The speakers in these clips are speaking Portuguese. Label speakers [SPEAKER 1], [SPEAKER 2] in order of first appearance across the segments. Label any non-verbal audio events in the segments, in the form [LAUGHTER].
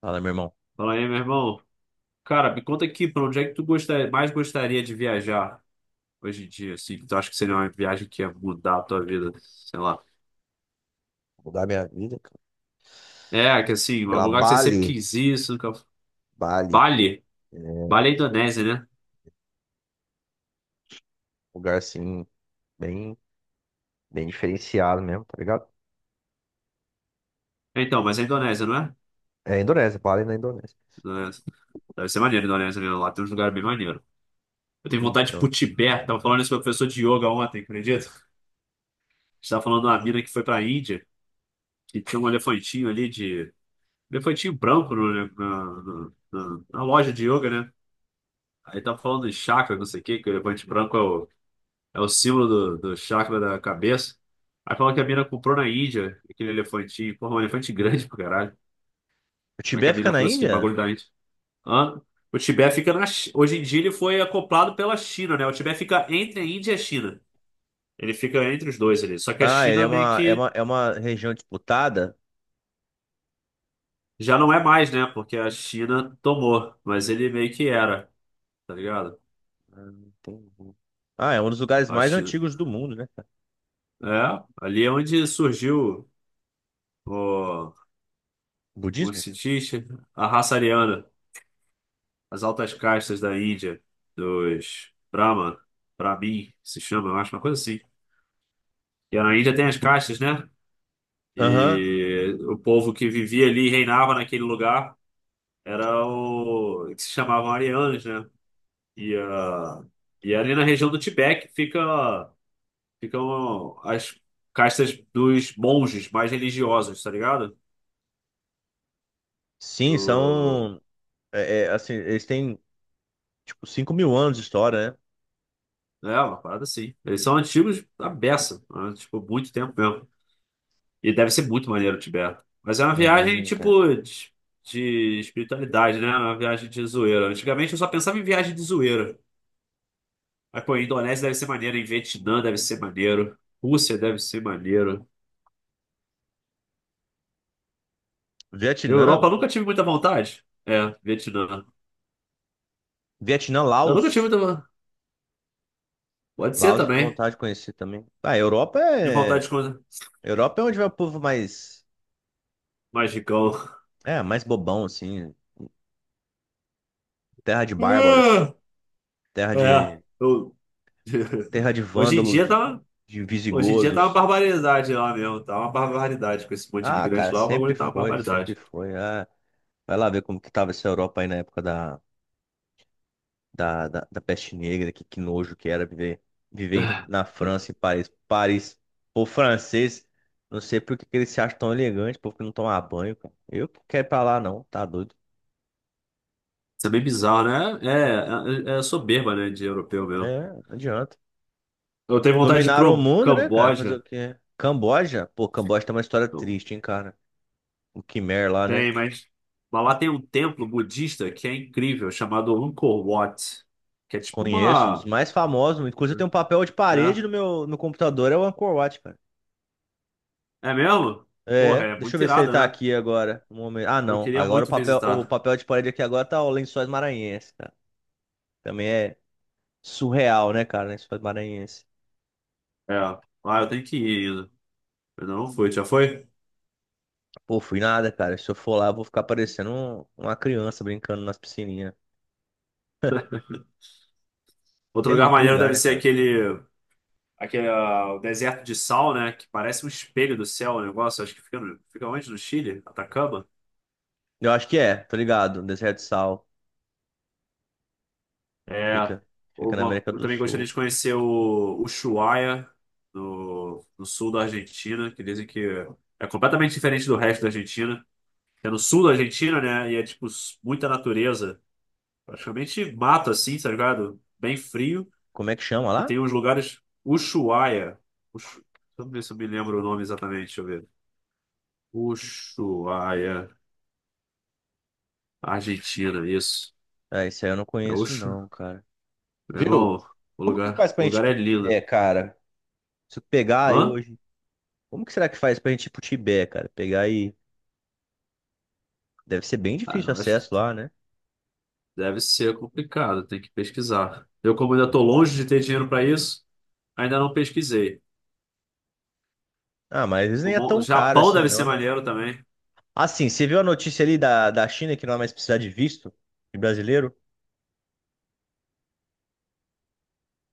[SPEAKER 1] Fala, meu irmão.
[SPEAKER 2] Fala aí, meu irmão. Cara, me conta aqui, pra onde é que tu gostaria, mais gostaria de viajar hoje em dia, assim? Que Tu acha que seria uma viagem que ia mudar a tua vida? Sei lá.
[SPEAKER 1] Mudar minha vida, cara.
[SPEAKER 2] É, que assim, um
[SPEAKER 1] Pela
[SPEAKER 2] lugar que você sempre
[SPEAKER 1] Bali.
[SPEAKER 2] quis ir, isso nunca...
[SPEAKER 1] Bali.
[SPEAKER 2] Bali?
[SPEAKER 1] É um
[SPEAKER 2] Bali é Indonésia, né?
[SPEAKER 1] lugar, assim, bem, bem diferenciado mesmo, tá ligado?
[SPEAKER 2] É, então, mas é Indonésia, não é?
[SPEAKER 1] É Indonésia, Bali na Indonésia.
[SPEAKER 2] Indonésia. Deve ser maneiro a Indonésia, né? Lá tem uns lugares bem maneiros. Eu tenho vontade de ir
[SPEAKER 1] Então.
[SPEAKER 2] pro Tibete. Tava falando isso com o professor de yoga ontem, acredita? A gente tava falando de uma mina que foi pra Índia que tinha um elefantinho ali de... Elefantinho branco né, na loja de yoga, né? Aí tá falando de chakra, não sei o quê, que o elefante branco é é o símbolo do chakra da cabeça. Aí falando que a mina comprou na Índia aquele elefantinho. Porra, um elefante grande pro caralho.
[SPEAKER 1] O
[SPEAKER 2] Como é que a
[SPEAKER 1] Tibete fica
[SPEAKER 2] mina
[SPEAKER 1] na
[SPEAKER 2] trouxe aquele
[SPEAKER 1] Índia?
[SPEAKER 2] bagulho da Índia? Hã? O Tibete fica Hoje em dia ele foi acoplado pela China, né? O Tibete fica entre a Índia e a China. Ele fica entre os dois ali. Só que a
[SPEAKER 1] Ah, ele é
[SPEAKER 2] China meio
[SPEAKER 1] uma, é
[SPEAKER 2] que
[SPEAKER 1] uma, é uma região disputada?
[SPEAKER 2] já não é mais, né? Porque a China tomou. Mas ele meio que era, tá ligado?
[SPEAKER 1] Ah, entendi. Ah, é um dos lugares
[SPEAKER 2] A
[SPEAKER 1] mais
[SPEAKER 2] China.
[SPEAKER 1] antigos do mundo, né, cara?
[SPEAKER 2] É, ali é onde surgiu. Os
[SPEAKER 1] Budismo?
[SPEAKER 2] cientistas, a raça ariana, as altas castas da Índia, dos Brahman, Brahmin, se chama, eu acho, uma coisa assim. E na Índia tem as castas, né?
[SPEAKER 1] Aham.
[SPEAKER 2] E o povo que vivia ali, e reinava naquele lugar, era o que se chamavam arianos, né? E, ah, e ali na região do Tibete ficam as castas dos monges mais religiosos, tá ligado?
[SPEAKER 1] Sim,
[SPEAKER 2] Do,
[SPEAKER 1] são. É, é, assim, eles têm, tipo, 5 mil anos de história, né?
[SPEAKER 2] é, uma parada assim. Eles são antigos a beça, né? Tipo, muito tempo mesmo. E deve ser muito maneiro o Tibete. Mas é uma
[SPEAKER 1] Ah,
[SPEAKER 2] viagem,
[SPEAKER 1] imagina, cara.
[SPEAKER 2] tipo, de espiritualidade, né? É uma viagem de zoeira. Antigamente eu só pensava em viagem de zoeira. Mas, pô, Indonésia deve ser maneiro, em Vietnã deve ser maneiro, Rússia deve ser maneiro. Europa
[SPEAKER 1] Vietnã,
[SPEAKER 2] eu nunca tive muita vontade. É, Vietnã. Eu nunca tive
[SPEAKER 1] Laos.
[SPEAKER 2] muita. Pode ser
[SPEAKER 1] Laos de
[SPEAKER 2] também.
[SPEAKER 1] vontade de conhecer também. Ah, Europa
[SPEAKER 2] De vontade de
[SPEAKER 1] é.
[SPEAKER 2] coisa.
[SPEAKER 1] Europa é onde vai o povo mais.
[SPEAKER 2] Magicão.
[SPEAKER 1] É, mais bobão, assim. Terra de bárbaros.
[SPEAKER 2] Ah,
[SPEAKER 1] Terra
[SPEAKER 2] é,
[SPEAKER 1] de.
[SPEAKER 2] eu...
[SPEAKER 1] Terra
[SPEAKER 2] [LAUGHS]
[SPEAKER 1] de
[SPEAKER 2] Hoje em
[SPEAKER 1] vândalo,
[SPEAKER 2] dia tá.
[SPEAKER 1] de
[SPEAKER 2] Hoje em dia tá uma
[SPEAKER 1] visigodos.
[SPEAKER 2] barbaridade lá mesmo, tá uma barbaridade. Com esse monte de
[SPEAKER 1] Ah, cara,
[SPEAKER 2] imigrante lá, o bagulho tá uma
[SPEAKER 1] sempre
[SPEAKER 2] barbaridade.
[SPEAKER 1] foi. Ah, vai lá ver como que tava essa Europa aí na época da peste negra, que nojo que era viver,
[SPEAKER 2] Ah,
[SPEAKER 1] na França, em Paris. Paris, O francês. Não sei por que que eles se acham tão elegantes, povo que não toma banho, cara. Eu que quero ir pra lá, não, tá doido.
[SPEAKER 2] isso é bem bizarro, né? É soberba, né, de europeu mesmo.
[SPEAKER 1] É, não adianta.
[SPEAKER 2] Eu tenho vontade de ir
[SPEAKER 1] Dominaram o
[SPEAKER 2] pro
[SPEAKER 1] mundo, né, cara? Fazer
[SPEAKER 2] Camboja.
[SPEAKER 1] o quê? Camboja? Pô, Camboja tem uma história triste, hein, cara? O Khmer lá, né?
[SPEAKER 2] Tem, mas... Mas lá tem um templo budista que é incrível, chamado Angkor Wat. Que é tipo
[SPEAKER 1] Conheço, um dos
[SPEAKER 2] uma...
[SPEAKER 1] mais famosos. Inclusive, tem um papel de parede no computador, é o Angkor Wat, cara.
[SPEAKER 2] É, é mesmo? Porra,
[SPEAKER 1] É,
[SPEAKER 2] é
[SPEAKER 1] deixa eu
[SPEAKER 2] muito
[SPEAKER 1] ver se ele
[SPEAKER 2] irado,
[SPEAKER 1] tá
[SPEAKER 2] né?
[SPEAKER 1] aqui agora. Um momento. Ah,
[SPEAKER 2] Eu
[SPEAKER 1] não.
[SPEAKER 2] queria
[SPEAKER 1] Agora
[SPEAKER 2] muito
[SPEAKER 1] o
[SPEAKER 2] visitar.
[SPEAKER 1] papel de parede aqui agora tá o Lençóis Maranhenses, cara. Também é surreal, né, cara? Lençóis Maranhenses.
[SPEAKER 2] É. Ah, eu tenho que ir ainda. Eu ainda não fui, já foi?
[SPEAKER 1] Pô, fui nada, cara. Se eu for lá, eu vou ficar parecendo uma criança brincando nas piscininhas.
[SPEAKER 2] Outro
[SPEAKER 1] Tem
[SPEAKER 2] lugar
[SPEAKER 1] muito
[SPEAKER 2] maneiro
[SPEAKER 1] lugar,
[SPEAKER 2] deve
[SPEAKER 1] né,
[SPEAKER 2] ser
[SPEAKER 1] cara?
[SPEAKER 2] aquele... Aquele, ah, o deserto de sal, né? Que parece um espelho do céu, o negócio. Acho que fica, fica onde? No Chile? Atacama?
[SPEAKER 1] Eu acho que é, tô ligado. Deserto de Sal.
[SPEAKER 2] É,
[SPEAKER 1] Fica, fica na América
[SPEAKER 2] eu
[SPEAKER 1] do
[SPEAKER 2] também gostaria
[SPEAKER 1] Sul.
[SPEAKER 2] de conhecer o Ushuaia, no sul da Argentina, que dizem que é completamente diferente do resto da Argentina. É no sul da Argentina, né? E é, tipo, muita natureza. Praticamente mato, assim, tá ligado? Bem frio.
[SPEAKER 1] Como é que chama
[SPEAKER 2] E
[SPEAKER 1] lá?
[SPEAKER 2] tem uns lugares... Ushuaia. Ushu... Deixa eu ver se eu me lembro o nome exatamente, deixa eu ver. Ushuaia, Argentina, isso.
[SPEAKER 1] Ah, isso aí eu não
[SPEAKER 2] É
[SPEAKER 1] conheço
[SPEAKER 2] Ushu...
[SPEAKER 1] não, cara.
[SPEAKER 2] Meu
[SPEAKER 1] Viu?
[SPEAKER 2] irmão,
[SPEAKER 1] Como que faz
[SPEAKER 2] o
[SPEAKER 1] pra gente ir
[SPEAKER 2] lugar é
[SPEAKER 1] pro
[SPEAKER 2] lindo.
[SPEAKER 1] Tibete, cara? Se eu pegar aí
[SPEAKER 2] Hã?
[SPEAKER 1] hoje, como que será que faz pra gente ir pro Tibete, cara? Pegar aí. Deve ser bem
[SPEAKER 2] Ah,
[SPEAKER 1] difícil o
[SPEAKER 2] não, acho
[SPEAKER 1] acesso
[SPEAKER 2] que
[SPEAKER 1] lá, né?
[SPEAKER 2] deve ser complicado, tem que pesquisar. Eu, como ainda estou longe de ter dinheiro para isso, ainda não pesquisei.
[SPEAKER 1] Ah, mas eles nem é
[SPEAKER 2] O
[SPEAKER 1] tão caro
[SPEAKER 2] Japão
[SPEAKER 1] assim,
[SPEAKER 2] deve
[SPEAKER 1] não,
[SPEAKER 2] ser
[SPEAKER 1] né?
[SPEAKER 2] maneiro também.
[SPEAKER 1] Assim, você viu a notícia ali da China que não vai mais precisar de visto de brasileiro?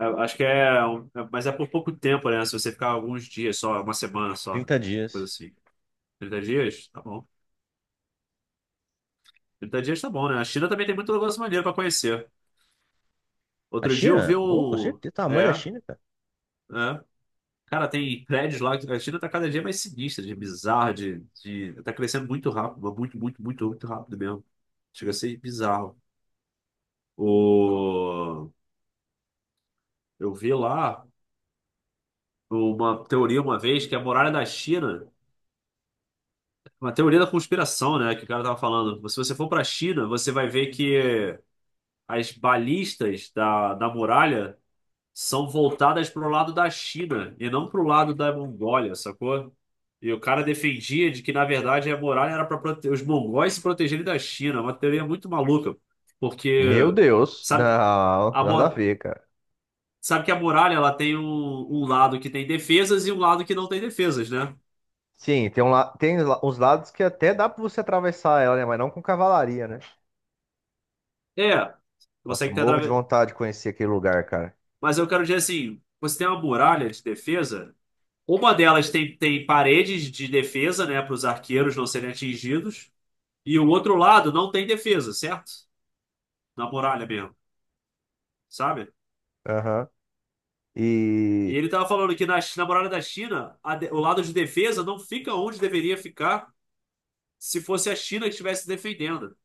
[SPEAKER 2] É, acho que é, mas é por pouco tempo, né? Se você ficar alguns dias só, uma semana só,
[SPEAKER 1] trinta
[SPEAKER 2] coisa
[SPEAKER 1] dias.
[SPEAKER 2] assim. Trinta dias? Tá bom. 30 dias tá bom, né? A China também tem muito negócio maneiro para conhecer.
[SPEAKER 1] A
[SPEAKER 2] Outro dia eu
[SPEAKER 1] China?
[SPEAKER 2] vi
[SPEAKER 1] Oh, com
[SPEAKER 2] um.
[SPEAKER 1] certeza, o tamanho da
[SPEAKER 2] É,
[SPEAKER 1] China, cara.
[SPEAKER 2] é. Cara, tem prédios lá. A China tá cada dia mais sinistra, de bizarro, de... Tá crescendo muito rápido, muito rápido mesmo. Chega a ser bizarro. O... Eu vi lá uma teoria uma vez que é a muralha da China, uma teoria da conspiração, né? Que o cara tava falando. Se você for pra China, você vai ver que as balistas da muralha são voltadas pro lado da China e não pro lado da Mongólia, sacou? E o cara defendia de que, na verdade, a muralha era para prote... os mongóis se protegerem da China. É uma teoria muito maluca,
[SPEAKER 1] Meu
[SPEAKER 2] porque
[SPEAKER 1] Deus,
[SPEAKER 2] sabe que
[SPEAKER 1] não,
[SPEAKER 2] a
[SPEAKER 1] nada a
[SPEAKER 2] mora
[SPEAKER 1] ver, cara.
[SPEAKER 2] sabe que a muralha ela tem um, um lado que tem defesas e um lado que não tem defesas, né?
[SPEAKER 1] Sim, tem, uns lados que até dá pra você atravessar ela, né? Mas não com cavalaria, né?
[SPEAKER 2] É, você
[SPEAKER 1] Nossa,
[SPEAKER 2] que tem
[SPEAKER 1] morro de
[SPEAKER 2] atrave-
[SPEAKER 1] vontade de conhecer aquele lugar, cara.
[SPEAKER 2] mas eu quero dizer assim, você tem uma muralha de defesa, uma delas tem, tem paredes de defesa, né, para os arqueiros não serem atingidos, e o outro lado não tem defesa, certo? Na muralha mesmo, sabe?
[SPEAKER 1] Aham.
[SPEAKER 2] E
[SPEAKER 1] E,
[SPEAKER 2] ele tava falando que na muralha da China, o lado de defesa não fica onde deveria ficar se fosse a China que estivesse defendendo.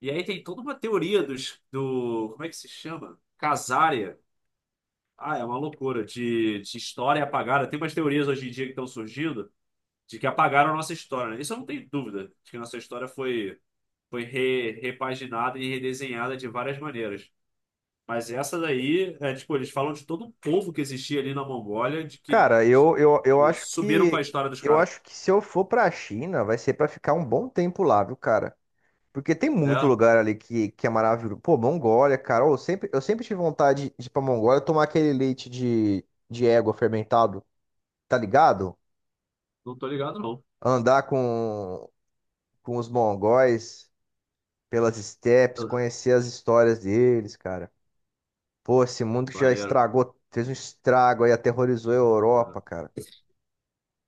[SPEAKER 2] E aí tem toda uma teoria do. Como é que se chama? Casária. Ah, é uma loucura de história apagada. Tem umas teorias hoje em dia que estão surgindo de que apagaram a nossa história, né? Isso eu não tenho dúvida, de que a nossa história foi, foi repaginada e redesenhada de várias maneiras. Mas essa daí, é, tipo, eles falam de todo um povo que existia ali na Mongólia, de que
[SPEAKER 1] cara,
[SPEAKER 2] subiram com a história dos
[SPEAKER 1] eu
[SPEAKER 2] caras.
[SPEAKER 1] acho que se eu for pra China, vai ser pra ficar um bom tempo lá, viu, cara? Porque tem muito
[SPEAKER 2] É,
[SPEAKER 1] lugar ali que é maravilhoso. Pô, Mongólia, cara. Eu sempre tive vontade de ir pra Mongólia tomar aquele leite de égua fermentado, tá ligado?
[SPEAKER 2] não tô ligado, não.
[SPEAKER 1] Andar com os mongóis pelas steps,
[SPEAKER 2] Ah,
[SPEAKER 1] conhecer as histórias deles, cara. Pô, esse mundo que já
[SPEAKER 2] maneiro.
[SPEAKER 1] estragou, fez um estrago aí, aterrorizou a Europa, cara.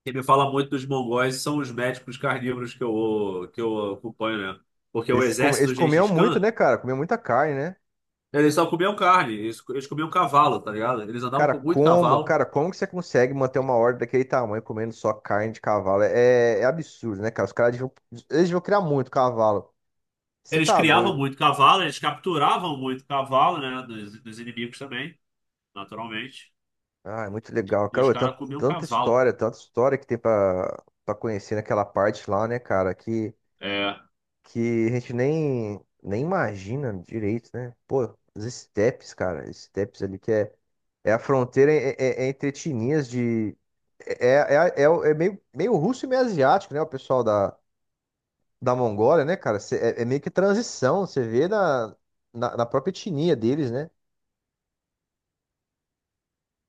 [SPEAKER 2] Quem me fala muito dos mongóis são os médicos carnívoros que eu acompanho, né? Porque o
[SPEAKER 1] Eles,
[SPEAKER 2] exército
[SPEAKER 1] eles
[SPEAKER 2] do
[SPEAKER 1] comiam
[SPEAKER 2] Gengis
[SPEAKER 1] muito,
[SPEAKER 2] Khan,
[SPEAKER 1] né, cara? Comiam muita carne, né?
[SPEAKER 2] eles só comiam carne, eles comiam cavalo, tá ligado? Eles andavam
[SPEAKER 1] Cara,
[SPEAKER 2] com muito cavalo,
[SPEAKER 1] como que você consegue manter uma horda daquele tamanho comendo só carne de cavalo? É, é absurdo, né, cara? Os caras deviam, eles deviam criar muito cavalo. Você
[SPEAKER 2] eles
[SPEAKER 1] tá
[SPEAKER 2] criavam
[SPEAKER 1] doido?
[SPEAKER 2] muito cavalo, eles capturavam muito cavalo, né? Dos inimigos também, naturalmente.
[SPEAKER 1] Ah, é muito legal.
[SPEAKER 2] E os
[SPEAKER 1] Cara,
[SPEAKER 2] caras comiam cavalo.
[SPEAKER 1] tanta história que tem pra, pra conhecer naquela parte lá, né, cara?
[SPEAKER 2] É,
[SPEAKER 1] Que a gente nem imagina direito, né? Pô, os estepes, cara, estepes ali que é, é a fronteira é entre etnias de. É, é meio, meio russo e meio asiático, né? O pessoal da Mongólia, né, cara? Cê- É, é meio que transição, você vê na própria etnia deles, né?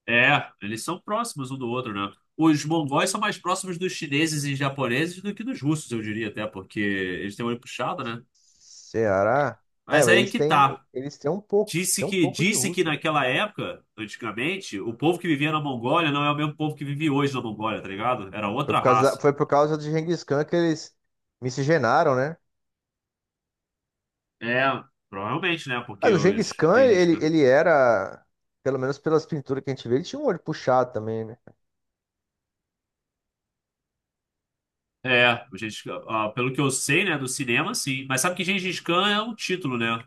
[SPEAKER 2] é, eles são próximos um do outro, né? Os mongóis são mais próximos dos chineses e japoneses do que dos russos, eu diria até, porque eles têm o olho puxado, né?
[SPEAKER 1] Ceará. É,
[SPEAKER 2] Mas
[SPEAKER 1] mas
[SPEAKER 2] é aí que tá.
[SPEAKER 1] eles têm um pouco de
[SPEAKER 2] Disse que
[SPEAKER 1] russo, né?
[SPEAKER 2] naquela época, antigamente, o povo que vivia na Mongólia não é o mesmo povo que vive hoje na Mongólia, tá ligado? Era outra raça.
[SPEAKER 1] Foi por causa de Genghis Khan que eles miscigenaram, né?
[SPEAKER 2] É, provavelmente, né? Porque
[SPEAKER 1] Mas o
[SPEAKER 2] os
[SPEAKER 1] Genghis Khan,
[SPEAKER 2] Gengis Khan.
[SPEAKER 1] ele era, pelo menos pelas pinturas que a gente vê, ele tinha um olho puxado também, né?
[SPEAKER 2] É, o Gengis Khan, ah, pelo que eu sei, né, do cinema, sim. Mas sabe que Gengis Khan é um título, né?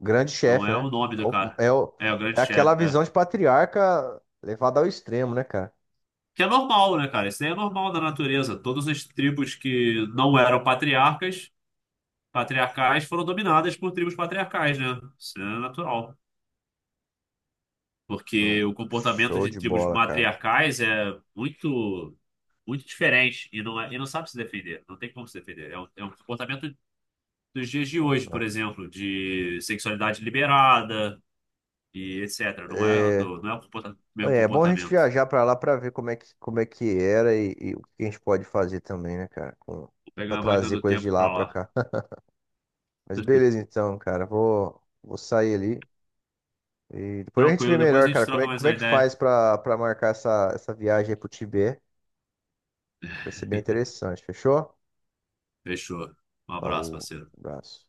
[SPEAKER 1] Grande
[SPEAKER 2] Não
[SPEAKER 1] chefe,
[SPEAKER 2] é
[SPEAKER 1] né?
[SPEAKER 2] o nome
[SPEAKER 1] É,
[SPEAKER 2] do
[SPEAKER 1] o-
[SPEAKER 2] cara.
[SPEAKER 1] é o-
[SPEAKER 2] É, o
[SPEAKER 1] é
[SPEAKER 2] grande
[SPEAKER 1] aquela
[SPEAKER 2] chefe, é.
[SPEAKER 1] visão de patriarca levada ao extremo, né, cara?
[SPEAKER 2] Que é normal, né, cara? Isso daí é normal da natureza. Todas as tribos que não eram patriarcas, patriarcais, foram dominadas por tribos patriarcais, né? Isso é natural.
[SPEAKER 1] Não,
[SPEAKER 2] Porque o comportamento
[SPEAKER 1] show
[SPEAKER 2] de
[SPEAKER 1] de
[SPEAKER 2] tribos
[SPEAKER 1] bola, cara.
[SPEAKER 2] matriarcais é muito diferente e e não sabe se defender, não tem como se defender. É é um comportamento dos dias de hoje, por
[SPEAKER 1] Aham.
[SPEAKER 2] exemplo, de sexualidade liberada e etc. Não é
[SPEAKER 1] É,
[SPEAKER 2] do, não é o mesmo
[SPEAKER 1] é bom a gente
[SPEAKER 2] comportamento.
[SPEAKER 1] viajar pra lá pra ver como é que era e o que a gente pode fazer também, né, cara? Com,
[SPEAKER 2] Vou
[SPEAKER 1] pra
[SPEAKER 2] pegar a máquina
[SPEAKER 1] trazer
[SPEAKER 2] do
[SPEAKER 1] coisas de
[SPEAKER 2] tempo
[SPEAKER 1] lá
[SPEAKER 2] pra
[SPEAKER 1] pra
[SPEAKER 2] lá.
[SPEAKER 1] cá. [LAUGHS] Mas beleza,
[SPEAKER 2] [LAUGHS]
[SPEAKER 1] então, cara. Vou, vou sair ali. E depois a gente vê
[SPEAKER 2] Tranquilo, depois
[SPEAKER 1] melhor,
[SPEAKER 2] a gente
[SPEAKER 1] cara,
[SPEAKER 2] troca mais
[SPEAKER 1] como é
[SPEAKER 2] uma
[SPEAKER 1] que
[SPEAKER 2] ideia.
[SPEAKER 1] faz pra, pra marcar essa viagem aí pro Tibete. Vai ser bem interessante, fechou?
[SPEAKER 2] Fechou. Um abraço,
[SPEAKER 1] Falou,
[SPEAKER 2] parceiro.
[SPEAKER 1] abraço.